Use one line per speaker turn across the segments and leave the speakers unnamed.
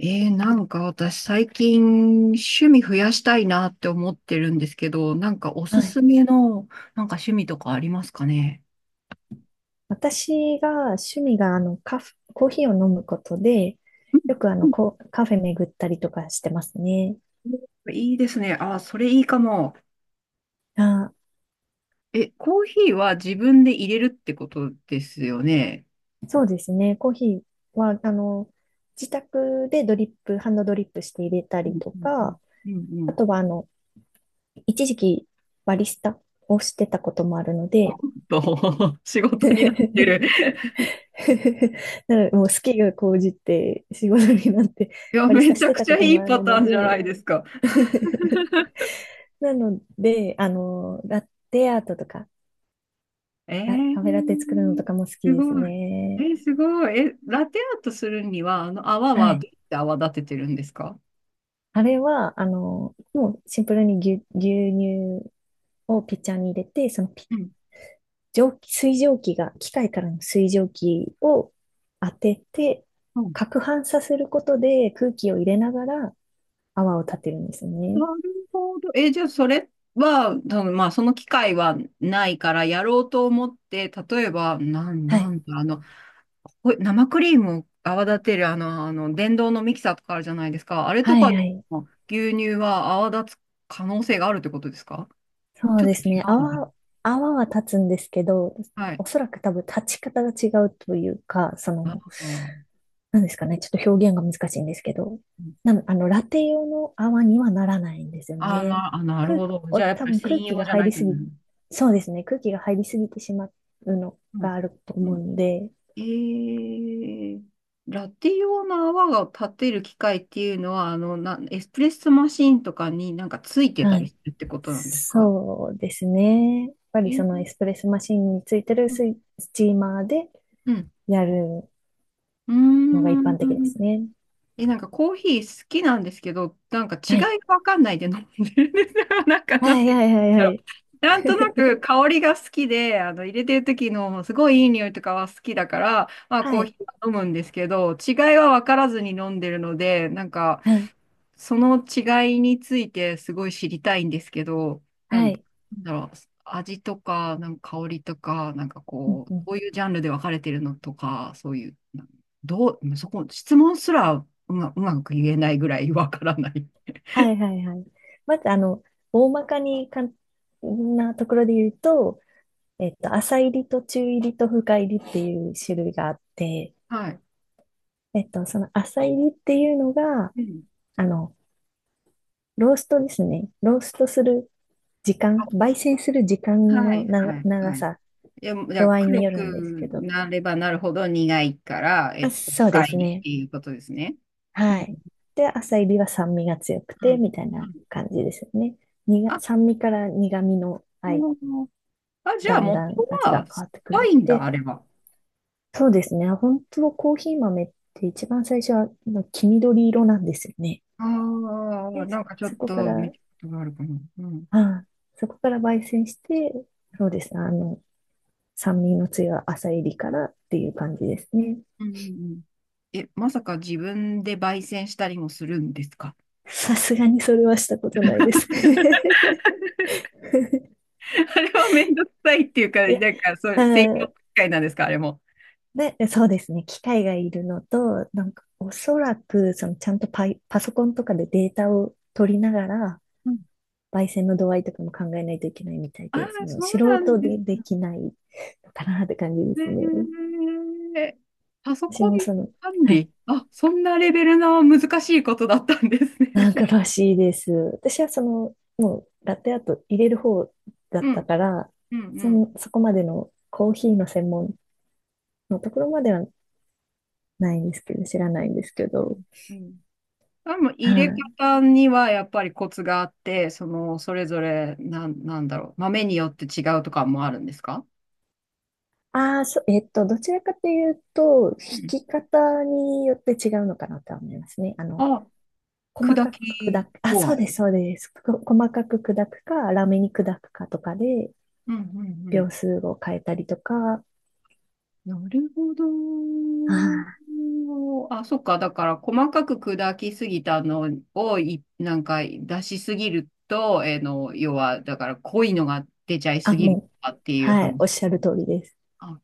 なんか私最近趣味増やしたいなって思ってるんですけど、なんかお
は
す
い。
すめのなんか趣味とかありますかね？
私が趣味があのカフ、コーヒーを飲むことで、
う
よ
ん、
くあのコ、カフェ巡ったりとかしてますね。
うん、いいですね。あ、それいいかも。
あ、
え、コーヒーは自分で入れるってことですよね。
そうですね。コーヒーは、あの、自宅でドリップ、ハンドドリップして入れたり
うん、
と
うん、
か、
うん、うん、う
あ
ん。
とはあの、一時期バリスタをしてたこともあるの
おっ
で、
と、仕事になってる。
なのでもう好きが高じて仕事になって
いや、
バリス
め
タ
ち
し
ゃ
て
く
た
ちゃ
こと
い
も
い
あ
パ
る
ター
の
ンじゃな
で
いですか。
なので、あの、ラテアートとか、
え
カフェラテ作るのと
ー、
かも好き
す
です
ごい。え
ね。
ー、すごい。え、ラテアートするには、あの泡
は
はど
い。
うやって泡立ててるんですか？
あれは、あの、もうシンプルに牛乳をピッチャーに入れて、そのピ、
うん。
蒸気、水蒸気が、機械からの水蒸気を当てて、
うん。
攪拌させることで空気を入れながら泡を立てるんです
な
ね。
るほど。じゃあ、それは、多分まあ、その機会はないから、やろうと思って、例えば、
は
な
い。
んだ、ほい生クリームを泡立てる、電動のミキサーとかあるじゃないですか。あれと
はい
か
は
で
い。
も、牛乳は泡立つ可能性があるってことですか？
そ
ち
う
ょっ
で
と違
すね。
うのか
泡は立つんですけど、
な。はい。
おそらく多分立ち方が違うというか、そ
あ
の、
あ。
なんですかね、ちょっと表現が難しいんですけど、あの、ラテ用の泡にはならないんですよ
あー
ね。
な、あ、なる
空、
ほど。じゃあ、やっぱ
多
り
分空
専
気
用
が
じゃ
入
ない
り
とい
すぎ、
う。
そうですね、空気が入りすぎてしまうの
うん。
があると思
う
う
ん。
ので、
えー、ラテ用の泡を立てる機械っていうのは、エスプレッソマシンとかになんかついてた
は
り
い。
するってことなんですか？
そうですね。やっぱ
え
りそ
ー。
のエスプレッソマシンについてる
う
スチーマーで
ん。
やる
うー
のが一般的です
ん。
ね。
え、なんかコーヒー好きなんですけど、なんか違い
はい。
がわかんないで飲んでるんですよ。なんか、な
は
ん
い
て
はいはい
言うんだ
は
ろ
い。
う。なんとな く香りが好きで、入れてる時のすごいいい匂いとかは好きだから、まあコ
は
ー
い。
ヒーは飲むんですけど、違いはわからずに飲んでるので、なんか、
はい。
その違いについてすごい知りたいんですけど、
は
な
い。
んだろう、味とか、なんか香りとか、なんか
うん
こう、
うん
こういうジャンルで分かれてるのとか、そういう、どう、そこ、質問すらうまく言えないぐらいわからない。
はいはいはい。まず、あの、大まかに簡単なところで言うと、えっと、浅入りと中入りと深入りっていう種類があって、
はい。
えっと、その浅入りっていうのが、
うん。
あの、ローストですね。ローストする時間、
あ、
焙煎する時間
は
の
い、はい、
長
はい。
さ、
いや、じゃあ
度合いに
黒
よるんです
く
けど。
なればなるほど苦いから、
あ、そう
深
です
いっ
ね。
ていうことですね。う
は
ん、
い。で、浅入りは酸味が強く
う
て、
ん、
みたい
う
な
ん。
感じですよね。
あ、
酸味から苦味のあい
もうあ、じゃ
だ
あ
ん
元
だん味
は
が変
酸
わ
っ
ってくる
ぱ
の
いんだ、
で、
あれは。
そうですね。本当コーヒー豆って一番最初は黄緑色なんですよね。
ああ、
で、
なんかちょ
そ
っ
こか
と見
ら、
たことがあるかな。うん。
ああ、そこから焙煎して、そうですね。あの、酸味の強い朝入りからっていう感じですね。
うん、うん、うん。え、まさか自分で焙煎したりもするんですか？
さすがにそれはしたことないです。
あれはめんどくさいっていうか、
いや、
なんか、そ
あ
う、専用機
ー、
械なんですか、あれも。
で、そうですね。機械がいるのと、なんかおそらく、そのちゃんとパソコンとかでデータを取りながら、
うん。
焙煎の度合いとかも考えないといけないみたい
ああ、
で、その
そう
素
なん
人
です
でできないのかなって感じですね。
ね。えーパソ
私
コン
もその、
管
はい、
理。あ、そんなレベルの難しいことだったんです
なん
ね。
からしいです。私はその、もうラテアート入れる方 だ
う
った
ん、
から、
うん、うん。
そこまでのコーヒーの専門のところまではないんですけど、知ら
う
ないん
ん、
ですけ
う
ど、
ん。うん。多分
は
入れ
い。
方にはやっぱりコツがあって、その、それぞれ、なんだろう、豆によって違うとかもあるんですか？
ああ、そ、えっと、どちらかというと、弾
うん。
き方によって違うのかなとは思いますね。あの、
あ、
細
砕
かく
き
砕く、あ、
具
そ
合。
うです、そうです。細かく砕くか、ラメに砕くかとかで、
うん、うん、う
秒
ん。
数を変えたりとか、
なるほど。
あー、
あ、そっか。だから、細かく砕きすぎたのをい、なんか出しすぎると、えーの、要は、だから濃いのが出ちゃい
あ、
すぎると
もう、
かっていう
はい、おっ
話。
しゃる通りです。
あ、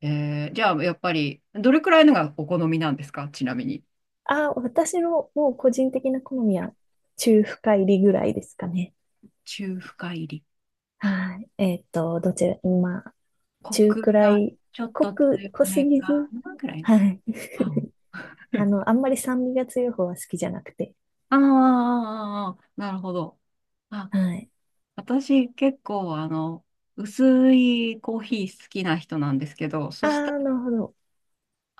じゃあ、やっぱり、どれくらいのがお好みなんですか、ちなみに。
あ、私のもう個人的な好みは、中深入りぐらいですかね。
中深入り。
はい。えっと、どちら、まあ、
コ
中
ク
くら
が
い、
ちょっと強
濃す
め
ぎ
か
ず、
なぐらいの。
はい。
あ。
あ の、あんまり酸味が強い方は好きじゃなくて、
あー、なるほど。あ、
はい。
私結構薄いコーヒー好きな人なんですけど、
あ
そしたら、
あ、なるほど。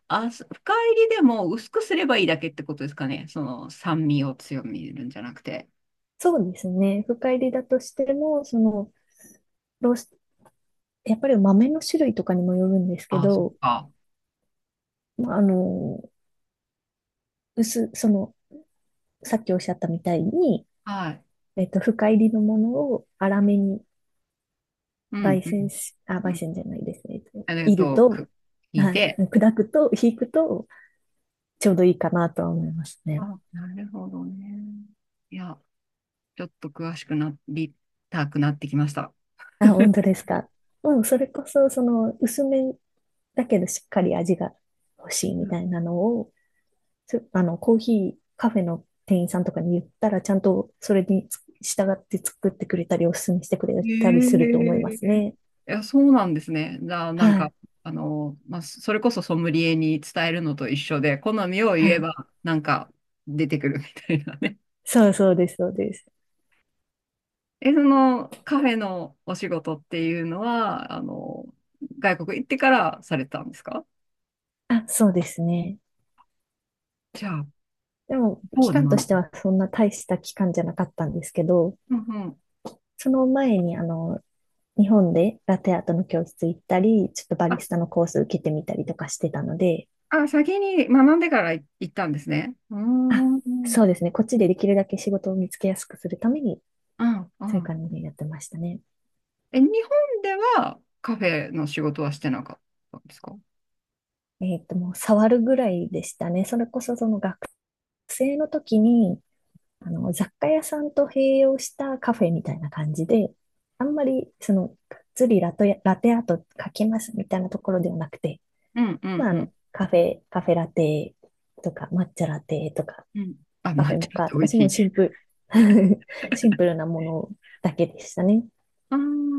あ、深入りでも薄くすればいいだけってことですかね。その酸味を強めるんじゃなくて。
そうですね。深入りだとしても、その、ロースやっぱり豆の種類とかにもよるんですけ
あ、そっ
ど、
か。
まあ、あの、薄、その、さっきおっしゃったみたいに、
はい。
えっと、深入りのものを粗
う
めに
ん、うん、う
焙
ん。
煎じゃないですね。えっと
ありが
煎る
とう。
と、
聞い
はい、
て。
砕くと、引くと、ちょうどいいかなとは思いますね。
あ、なるほどね。いや、ちょっと詳しくなりたくなってきました。
あ、本当で すか。うん、それこそ、その、薄めだけどしっかり味が欲しいみたいなのを、あの、コーヒー、カフェの店員さんとかに言ったら、ちゃんとそれに従って作ってくれたり、おすすめしてくれ
へ
たりすると思います
え。い
ね。
や、そうなんですね。じゃあ、な
は
んか、
い。
まあ、それこそソムリエに伝えるのと一緒で、好みを
は
言え
い。
ば、なんか出てくるみたいなね。
そうそうです、そうです。
え、そのカフェのお仕事っていうのは、外国行ってからされたんですか？
あ、そうですね。
じゃあ、
でも、
そ
期
うで
間と
学
して
ぶ。
はそんな大した期間じゃなかったんですけど、
うん、うん。
その前に、あの、日本でラテアートの教室行ったり、ちょっとバリ
あ、
スタのコース受けてみたりとかしてたので、
あ、先に学んでから行ったんですね。うー
あ、
ん、うん、
そうですね。こっちでできるだけ仕事を見つけやすくするために、
う
そういう
ん。
感じでやってましたね。
え、日本ではカフェの仕事はしてなかったんですか？
えっと、もう触るぐらいでしたね。それこそその学生の時に、あの、雑貨屋さんと併用したカフェみたいな感じで、あんまり、その、がっつりラトや、ラテアート書きますみたいなところではなくて、
うん、う
ま
ん、
あ、あ
うん。
の、カフェカフェラテとか、抹茶ラテとか、
うん。あ、
カフ
抹
ェモ
茶っ
カ
て
とか、
美味し
もう
い。
シンプル、シンプルなものだけでしたね。
ああ、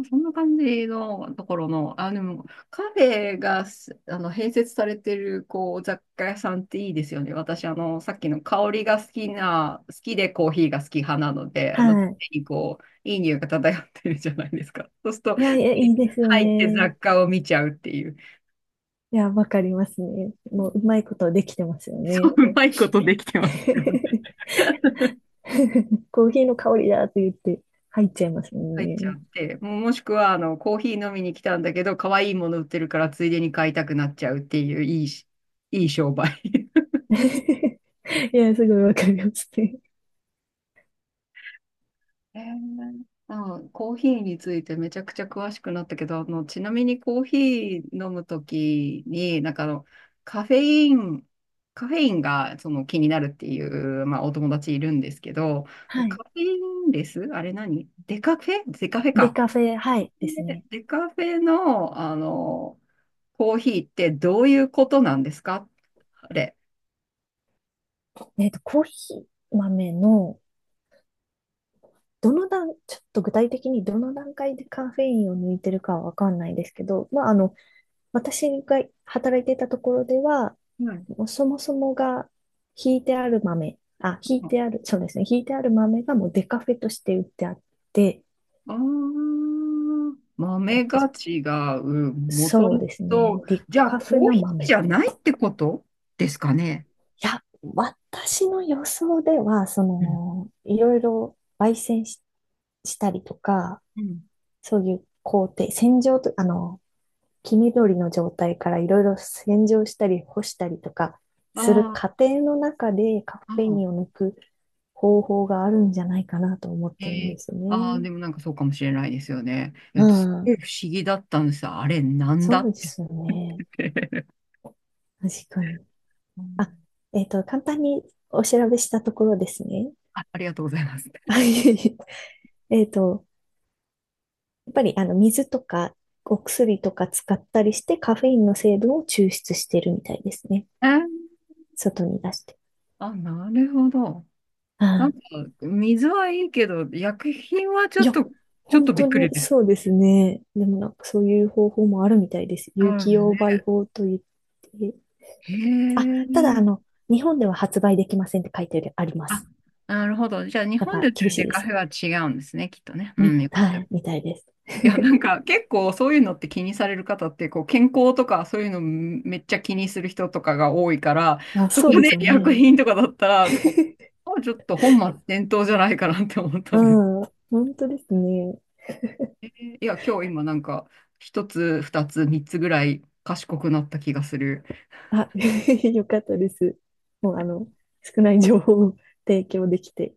そんな感じのところの、あ、でもカフェがすあの併設されてるこう雑貨屋さんっていいですよね。私、さっきの香りが好きでコーヒーが好き派なので、常
はい。
にこう、いい匂いが漂ってるじゃないですか。そうすると、
いや、いいですよ
入って
ね。
雑貨を見ちゃうっていう。
いや、わかりますね。もう、う まいことできてますよ
そう、
ね。
うまいことできてますよね。
コーヒーの香りだって言って入っちゃいますもん
入っちゃ
ね。
って、もしくはコーヒー飲みに来たんだけど、可愛いもの売ってるからついでに買いたくなっちゃうっていういいし、いい商売。
いや、すごいわかりますね。
あ、コーヒーについてめちゃくちゃ詳しくなったけど、あのちなみにコーヒー飲むときに、なんかカフェイン、カフェインがその気になるっていう、まあ、お友達いるんですけど、
は
カ
い。
フェインレスあれ何デカフェ、デカフェ
で、
か。
カフェ、はい、です
で
ね。
デカフェの、コーヒーってどういうことなんですか、あれ。
えっと、コーヒー豆の、どの段、ちょっと具体的にどの段階でカフェインを抜いてるかはわかんないですけど、まあ、あの、私が働いていたところでは、
はい。
もうそもそもが、ひい
あ
てある、そうですね、ひいてある豆がもうデカフェとして売ってあって、
あ、
えっ
豆
と、
が違う。もと
そう
も
ですね。
と、
リ
じゃあ
カフ
コー
の
ヒー
豆。
じゃ
い
ないってことですかね。
や、私の予想では、そ
うん、
の、いろいろ焙煎し、したりとか、
うん、
そういう工程、洗浄と、あの、黄緑の状態からいろいろ洗浄したり干したりとか
あ
する過
ー、
程の中でカ
あ
フェイ
ー、
ン
ああ、
を抜く方法があるんじゃないかなと思ってるんで
え、
すよ
ああー、
ね。
でもなんかそうかもしれないですよね。
う
えすご
ん。
い不思議だったんですよ。あれ、なん
そ
だ
う
っ
ですよね。
て。
確かに。
う
あ、
ん、
えっと、簡単にお調べしたところですね。
あ、ありがとうございます。
あいえいええっと、やっぱりあの水とかお薬とか使ったりしてカフェインの成分を抽出してるみたいですね。
えー
外に出して。
あ、なるほど。なん
あ
か、
あ、
水はいいけど、薬品はちょ
い
っ
や、
と、ちょっ
本
とび
当
っくり
に
です。
そうですね。でもなんかそういう方法もあるみたいです。
そ
有
うで
機
す
溶
ね。
媒法といって。
へ
あ、ただあ
え。
の、日本では発売できませんって書いてありま
あ、
す。
なるほど。じゃあ、日
やっ
本で売
ぱ
って
厳
る
し
デ
いで
カフ
す。
ェは違うんですね、きっとね。う
み、
ん、よかった。
はい、みたいです。
いや、な んか、結構そういうのって気にされる方って、こう、健康とかそういうのめっちゃ気にする人とかが多いから、
あ、
そこ
そうです
で
よ
薬
ね。
品とかだったら、結構、あ、ちょっと本末転倒じゃないかなって思ったんです。
うん、本当ですね。
いや、今日今なんか、一つ、二つ、三つぐらい賢くなった気がする。
あ、よかったです。もうあの、少ない情報を提供できて、